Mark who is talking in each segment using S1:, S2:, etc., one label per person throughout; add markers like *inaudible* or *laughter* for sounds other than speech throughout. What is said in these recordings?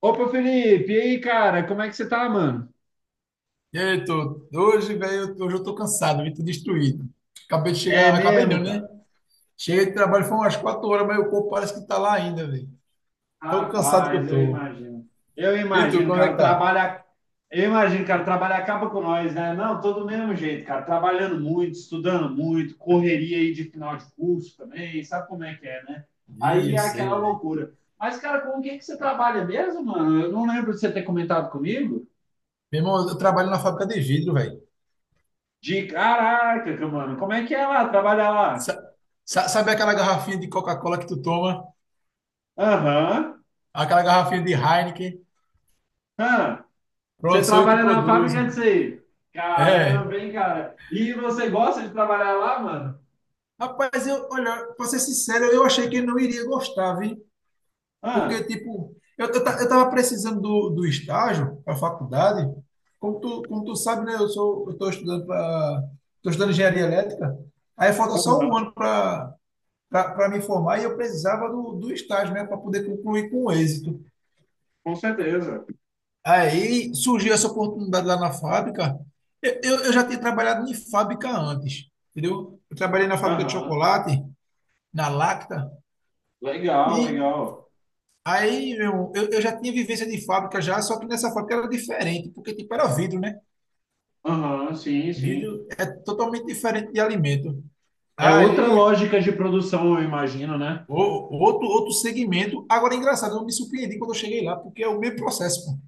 S1: Opa, Felipe, e aí, cara, como é que você tá, mano?
S2: E aí, Heitor? Hoje, velho, hoje eu tô cansado, vim tô destruído. Acabei de
S1: É
S2: chegar, acabei não,
S1: mesmo,
S2: né?
S1: cara?
S2: Cheguei de trabalho, foi umas 4h, mas o corpo parece que tá lá ainda, velho. Tão cansado que eu
S1: Rapaz, eu
S2: tô.
S1: imagino. Eu
S2: E tu,
S1: imagino,
S2: como é
S1: cara, o
S2: que tá?
S1: trabalho. Eu imagino, cara, o trabalho acaba com nós, né? Não, todo do mesmo jeito, cara. Trabalhando muito, estudando muito, correria aí de final de curso também, sabe como é que é, né?
S2: Ih,
S1: Aí é
S2: eu sei,
S1: aquela
S2: velho.
S1: loucura. Mas, cara, com o que que você trabalha mesmo, mano? Eu não lembro de você ter comentado comigo.
S2: Meu irmão, eu trabalho na fábrica de vidro, velho.
S1: De caraca, mano, como é que é lá? Trabalhar lá?
S2: Sa- Sabe aquela garrafinha de Coca-Cola que tu toma?
S1: Aham.
S2: Aquela garrafinha de Heineken?
S1: Aham. Você
S2: Pronto, sou eu que
S1: trabalha na fábrica
S2: produzo.
S1: disso aí.
S2: É.
S1: Caramba, hein, cara? E você gosta de trabalhar lá, mano?
S2: Rapaz, eu, olha, pra ser sincero, eu achei que ele não iria gostar, viu? Porque,
S1: Ah,
S2: tipo, eu tava precisando do estágio para faculdade. Como tu sabe, né? Eu sou, eu tô estudando para, tô estudando engenharia elétrica. Aí falta só
S1: aham,
S2: um ano para me formar e eu precisava do estágio, né? Para poder concluir com êxito.
S1: com certeza.
S2: Aí surgiu essa oportunidade lá na fábrica. Eu já tinha trabalhado em fábrica antes, entendeu? Eu trabalhei na fábrica de
S1: Aham,
S2: chocolate, na Lacta,
S1: legal,
S2: e...
S1: legal.
S2: Aí, meu irmão, eu já tinha vivência de fábrica já, só que nessa fábrica era diferente, porque tipo era vidro, né?
S1: Aham, sim, sim.
S2: Vidro é totalmente diferente de alimento.
S1: É outra
S2: Aí,
S1: lógica de produção, eu imagino, né?
S2: o- outro segmento. Agora, é engraçado, eu me surpreendi quando eu cheguei lá, porque é o mesmo processo, pô.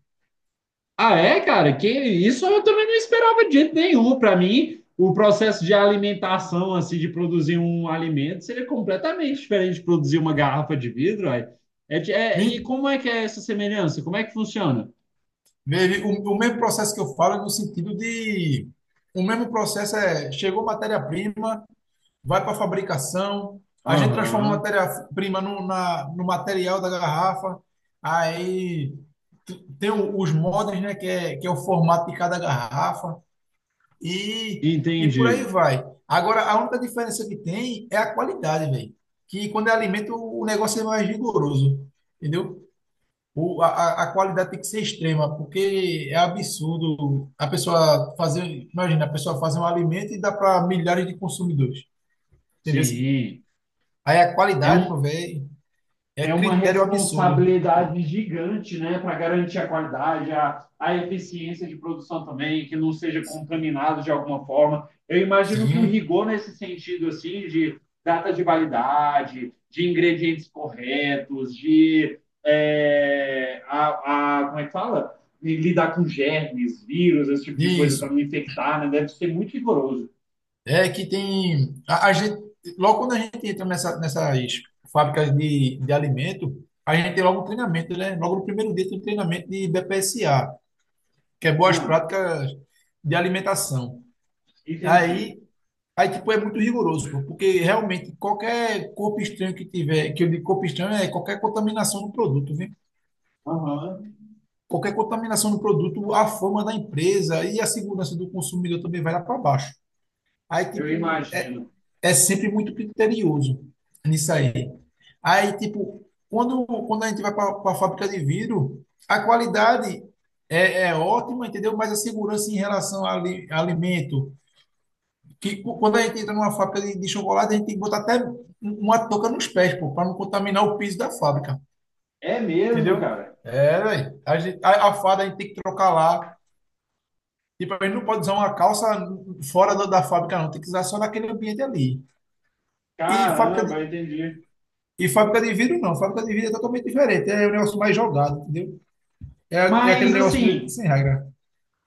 S1: Ah, é, cara? Que isso eu também não esperava de jeito nenhum. Para mim, o processo de alimentação, assim, de produzir um alimento, seria completamente diferente de produzir uma garrafa de vidro, aí. E
S2: Me-
S1: como é que é essa semelhança? Como é que funciona?
S2: o mesmo processo que eu falo é no sentido de... O mesmo processo é: chegou matéria-prima, vai para a fabricação, a gente transforma a
S1: Aham.
S2: matéria-prima no material da garrafa, aí tem os modems, né, que é o formato de cada garrafa, e por aí
S1: Entendi.
S2: vai. Agora, a única diferença que tem é a qualidade, velho. Que quando é alimento, o negócio é mais rigoroso, entendeu? O, a qualidade tem que ser extrema, porque é absurdo a pessoa fazer, imagina, a pessoa fazer um alimento e dá para milhares de consumidores, entendeu?
S1: Sim.
S2: Aí a
S1: É
S2: qualidade,
S1: um,
S2: meu velho, é
S1: É uma
S2: critério absurdo.
S1: responsabilidade gigante, né, para garantir a qualidade, a eficiência de produção também, que não seja contaminado de alguma forma. Eu imagino que o
S2: Sim,
S1: rigor nesse sentido, assim, de data de validade, de ingredientes corretos, de é, a- como é que fala? De lidar com germes, vírus, esse tipo de coisa
S2: isso.
S1: para não infectar, né? Deve ser muito rigoroso.
S2: É que tem. A gente, logo quando a gente entra nessas fábricas de alimento, a gente tem logo um treinamento, né? Logo no primeiro dia tem um treinamento de BPSA, que é Boas
S1: Ah,
S2: Práticas de Alimentação.
S1: entendi.
S2: Aí, aí, tipo, é muito rigoroso, pô, porque realmente qualquer corpo estranho que tiver, que eu digo corpo estranho, é qualquer contaminação do produto,
S1: Aham.
S2: a fama da empresa e a segurança do consumidor também vai lá para baixo. Aí,
S1: Eu
S2: tipo, é,
S1: imagino.
S2: é sempre muito criterioso nisso aí. Aí, tipo, quando a gente vai para a fábrica de vidro, a qualidade é ótima, entendeu? Mas a segurança em relação ao alimento, quando a gente entra numa fábrica de chocolate, a gente tem que botar até uma touca nos pés, pô, para não contaminar o piso da fábrica,
S1: É mesmo,
S2: entendeu?
S1: cara?
S2: É, velho. A farda a gente tem que trocar lá. Tipo, a gente não pode usar uma calça fora da fábrica, não. Tem que usar só naquele ambiente ali. E fábrica de,
S1: Caramba, entendi.
S2: e fábrica de vidro, não. Fábrica de vidro é totalmente diferente. É um negócio mais jogado, entendeu? É, é
S1: Mas
S2: aquele negócio meio que
S1: assim,
S2: sem regra.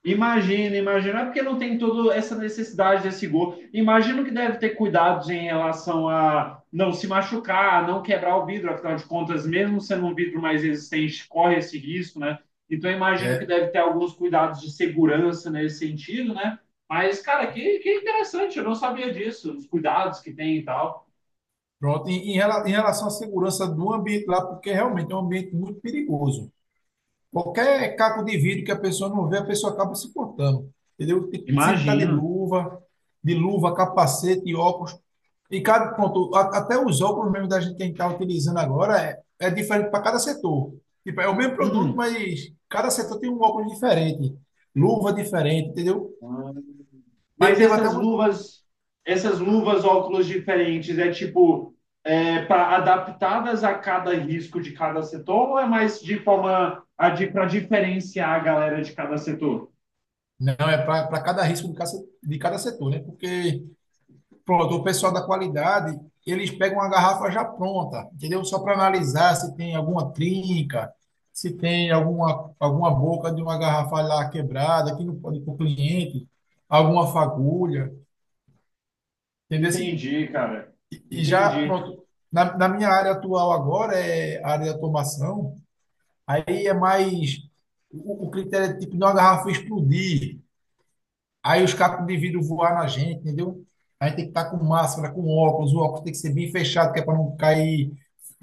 S1: imagina, imagina, é porque não tem toda essa necessidade desse gol. Imagino que deve ter cuidados em relação a não se machucar, não quebrar o vidro, afinal de contas, mesmo sendo um vidro mais resistente, corre esse risco, né? Então imagino que
S2: É.
S1: deve ter alguns cuidados de segurança nesse sentido, né? Mas, cara, que interessante, eu não sabia disso, os cuidados que tem e tal.
S2: Pronto. Em relação à segurança do ambiente lá, porque realmente é um ambiente muito perigoso. Qualquer caco de vidro que a pessoa não vê, a pessoa acaba se cortando. Entendeu? Tem que sempre estar de
S1: Imagino.
S2: luva, capacete, óculos. E cada ponto, até os óculos mesmo da gente que a gente está utilizando agora é diferente para cada setor. Tipo, é o mesmo produto,
S1: Hum.
S2: mas cada setor tem um óculos diferente, luva diferente, entendeu?
S1: Ah, mas
S2: Teve até uma.
S1: essas luvas, óculos diferentes, para adaptadas a cada risco de cada setor ou é mais de forma para diferenciar a galera de cada setor?
S2: Não, é para cada risco de cada, se- de cada setor, né? Porque, pronto, o pessoal da qualidade, eles pegam uma garrafa já pronta, entendeu? Só para analisar se tem alguma trinca, se tem alguma boca de uma garrafa lá quebrada, que não pode ir para o cliente, alguma fagulha, entendeu?
S1: Entendi, cara.
S2: E já,
S1: Entendi.
S2: pronto, na minha área atual agora é a área de automação, aí é mais, o critério é tipo, não a garrafa explodir, aí os cacos de vidro voar na gente, entendeu? A gente tem que estar com máscara, com óculos, o óculos tem que ser bem fechado, que é para não cair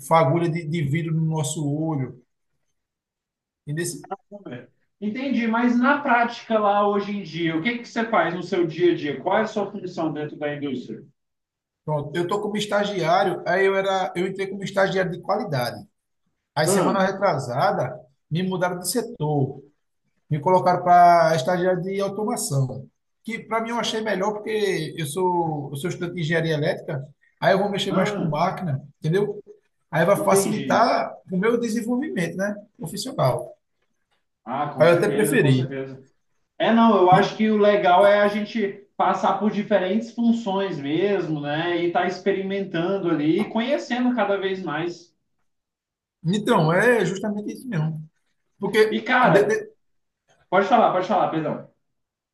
S2: fagulha de vidro no nosso olho, entendeu?
S1: Entendi, mas na prática lá hoje em dia, o que que você faz no seu dia a dia? Qual é a sua função dentro da indústria?
S2: Pronto, eu tô como estagiário, eu entrei como estagiário de qualidade. Aí semana
S1: Ah,
S2: retrasada, me mudaram de setor. Me colocaram para estagiário de automação, que para mim eu achei melhor porque eu sou estudante de engenharia elétrica, aí eu vou mexer mais com
S1: ah,
S2: máquina, entendeu? Aí vai
S1: entendi.
S2: facilitar o meu desenvolvimento, né, profissional.
S1: Ah, com
S2: Aí eu até
S1: certeza, com
S2: preferi.
S1: certeza. É, não, eu acho
S2: E,
S1: que o legal é a gente passar por diferentes funções mesmo, né? E tá experimentando ali e conhecendo cada vez mais.
S2: então, é justamente isso mesmo. Porque
S1: E,
S2: de-
S1: cara,
S2: de-
S1: pode falar, perdão.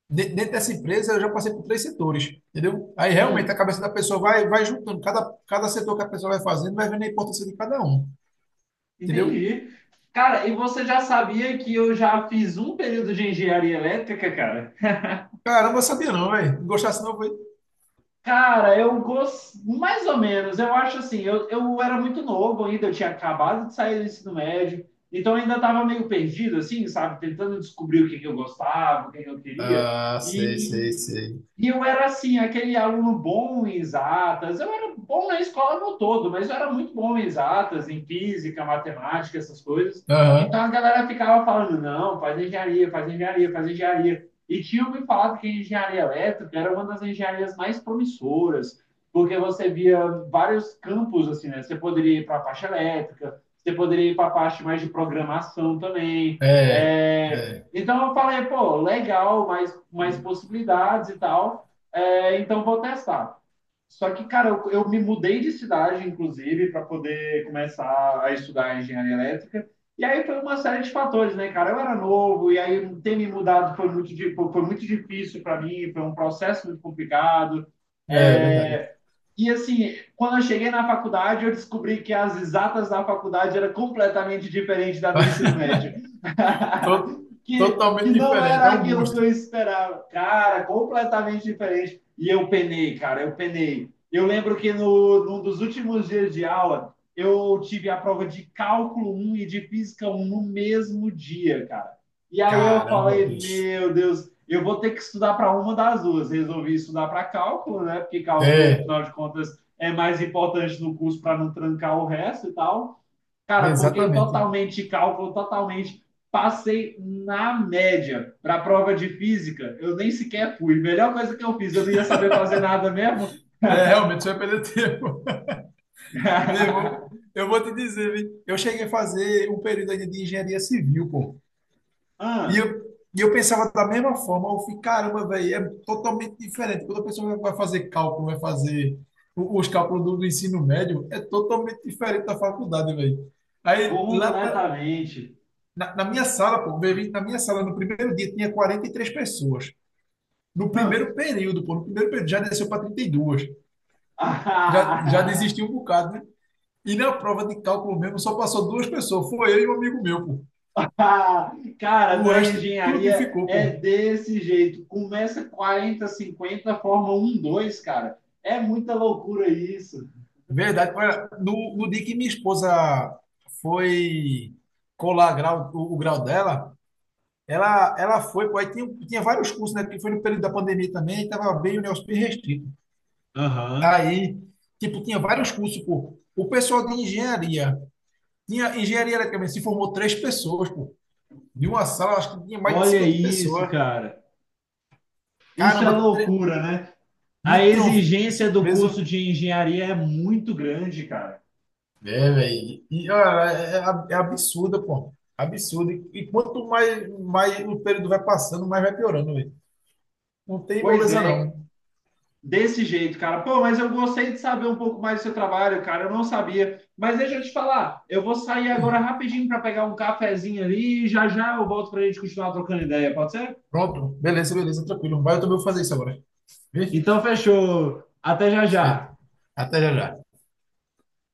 S2: dentro dessa empresa eu já passei por três setores, entendeu? Aí realmente a
S1: Hum,
S2: cabeça da pessoa vai juntando, cada setor que a pessoa vai fazendo vai vendo a importância de cada um, entendeu?
S1: entendi. Cara, e você já sabia que eu já fiz um período de engenharia elétrica, cara?
S2: Caramba, eu sabia não, velho. Gostasse não.
S1: Cara, eu gosto mais ou menos. Eu acho assim, eu era muito novo ainda, eu tinha acabado de sair do ensino médio, então eu ainda estava meio perdido, assim, sabe? Tentando descobrir o que que eu gostava, o que que eu queria.
S2: Ah, sei, sei, sei.
S1: E eu era assim, aquele aluno bom em exatas. Eu era bom na escola no todo, mas eu era muito bom em exatas, em física, matemática, essas coisas. Então
S2: Aham,
S1: a galera ficava falando: não, faz engenharia, faz engenharia, faz engenharia. E tinham me falado que a engenharia elétrica era uma das engenharias mais promissoras, porque você via vários campos assim, né? Você poderia ir para a parte elétrica, você poderia ir para a parte mais de programação também.
S2: é,
S1: É,
S2: é,
S1: então eu falei, pô, legal, mais possibilidades e tal. É, então vou testar. Só que, cara, eu me mudei de cidade, inclusive, para poder começar a estudar engenharia elétrica. E aí foi uma série de fatores, né, cara? Eu era novo, e aí ter me mudado foi muito difícil para mim, foi um processo muito complicado.
S2: é verdade.
S1: É, e assim, quando eu cheguei na faculdade, eu descobri que as exatas da faculdade era completamente diferente da do ensino
S2: *laughs*
S1: médio.
S2: To-
S1: *laughs* Que
S2: Totalmente
S1: não
S2: diferente,
S1: era
S2: é um
S1: aquilo que eu
S2: monstro.
S1: esperava. Cara, completamente diferente. E eu penei, cara, eu penei. Eu lembro que no, num dos últimos dias de aula, eu tive a prova de cálculo um e de física um no mesmo dia, cara. E aí eu
S2: Caramba,
S1: falei,
S2: bicho.
S1: meu Deus, eu vou ter que estudar para uma das duas. Resolvi estudar para cálculo, né? Porque cálculo, no
S2: É,
S1: final de contas, é mais importante no curso para não trancar o resto e tal. Cara, foquei
S2: exatamente.
S1: totalmente em cálculo, totalmente. Passei na média para a prova de física. Eu nem sequer fui. Melhor coisa que eu fiz, eu não ia saber fazer nada mesmo.
S2: É, realmente, você vai perder tempo. *laughs* Meu irmão,
S1: *laughs*
S2: eu vou te dizer, viu? Eu cheguei a fazer um período ainda de engenharia civil, pô. E
S1: ah,
S2: eu, e eu pensava da mesma forma, eu fiquei, caramba, velho, é totalmente diferente. Quando a pessoa vai fazer cálculo, vai fazer os cálculos do ensino médio, é totalmente diferente da faculdade, velho. Aí, lá
S1: completamente.
S2: na minha sala, pô, no primeiro dia, tinha 43 pessoas. No primeiro período já desceu para 32. Já, já
S1: Ah. *laughs*
S2: desistiu um bocado, né? E na prova de cálculo mesmo, só passou duas pessoas. Foi eu e um amigo meu, pô.
S1: Ah, cara,
S2: O
S1: na
S2: resto, tudo
S1: engenharia
S2: ficou,
S1: é
S2: pô.
S1: desse jeito. Começa 40, 50, forma 1, 2, cara. É muita loucura isso.
S2: Verdade. Olha, no dia que minha esposa foi o grau dela, ela foi, pô, aí tinha vários cursos, né? Porque foi no período da pandemia também, estava bem o negócio bem restrito.
S1: Aham.
S2: Aí, tipo, tinha vários cursos, pô. O pessoal de engenharia, tinha engenharia eletrônica, se formou três pessoas, pô. De uma sala, acho que tinha mais de
S1: Olha
S2: 50
S1: isso,
S2: pessoas.
S1: cara. Isso é
S2: Caramba,
S1: loucura, né? A
S2: então, eu fiquei
S1: exigência do curso
S2: surpreso.
S1: de engenharia é muito grande, cara.
S2: É, velho. E, olha, é absurda, pô. Absurdo. E quanto mais, mais o período vai passando, mais vai piorando, velho. Não tem
S1: Pois
S2: moleza,
S1: é,
S2: não.
S1: desse jeito, cara. Pô, mas eu gostei de saber um pouco mais do seu trabalho, cara. Eu não sabia. Mas deixa eu te falar, eu vou sair agora
S2: Hum.
S1: rapidinho para pegar um cafezinho ali e já já eu volto para a gente continuar trocando ideia, pode ser?
S2: Pronto. Beleza, beleza, tranquilo. Vai, eu também vou fazer isso agora. Viu?
S1: Então, fechou. Até já já.
S2: Até já, já.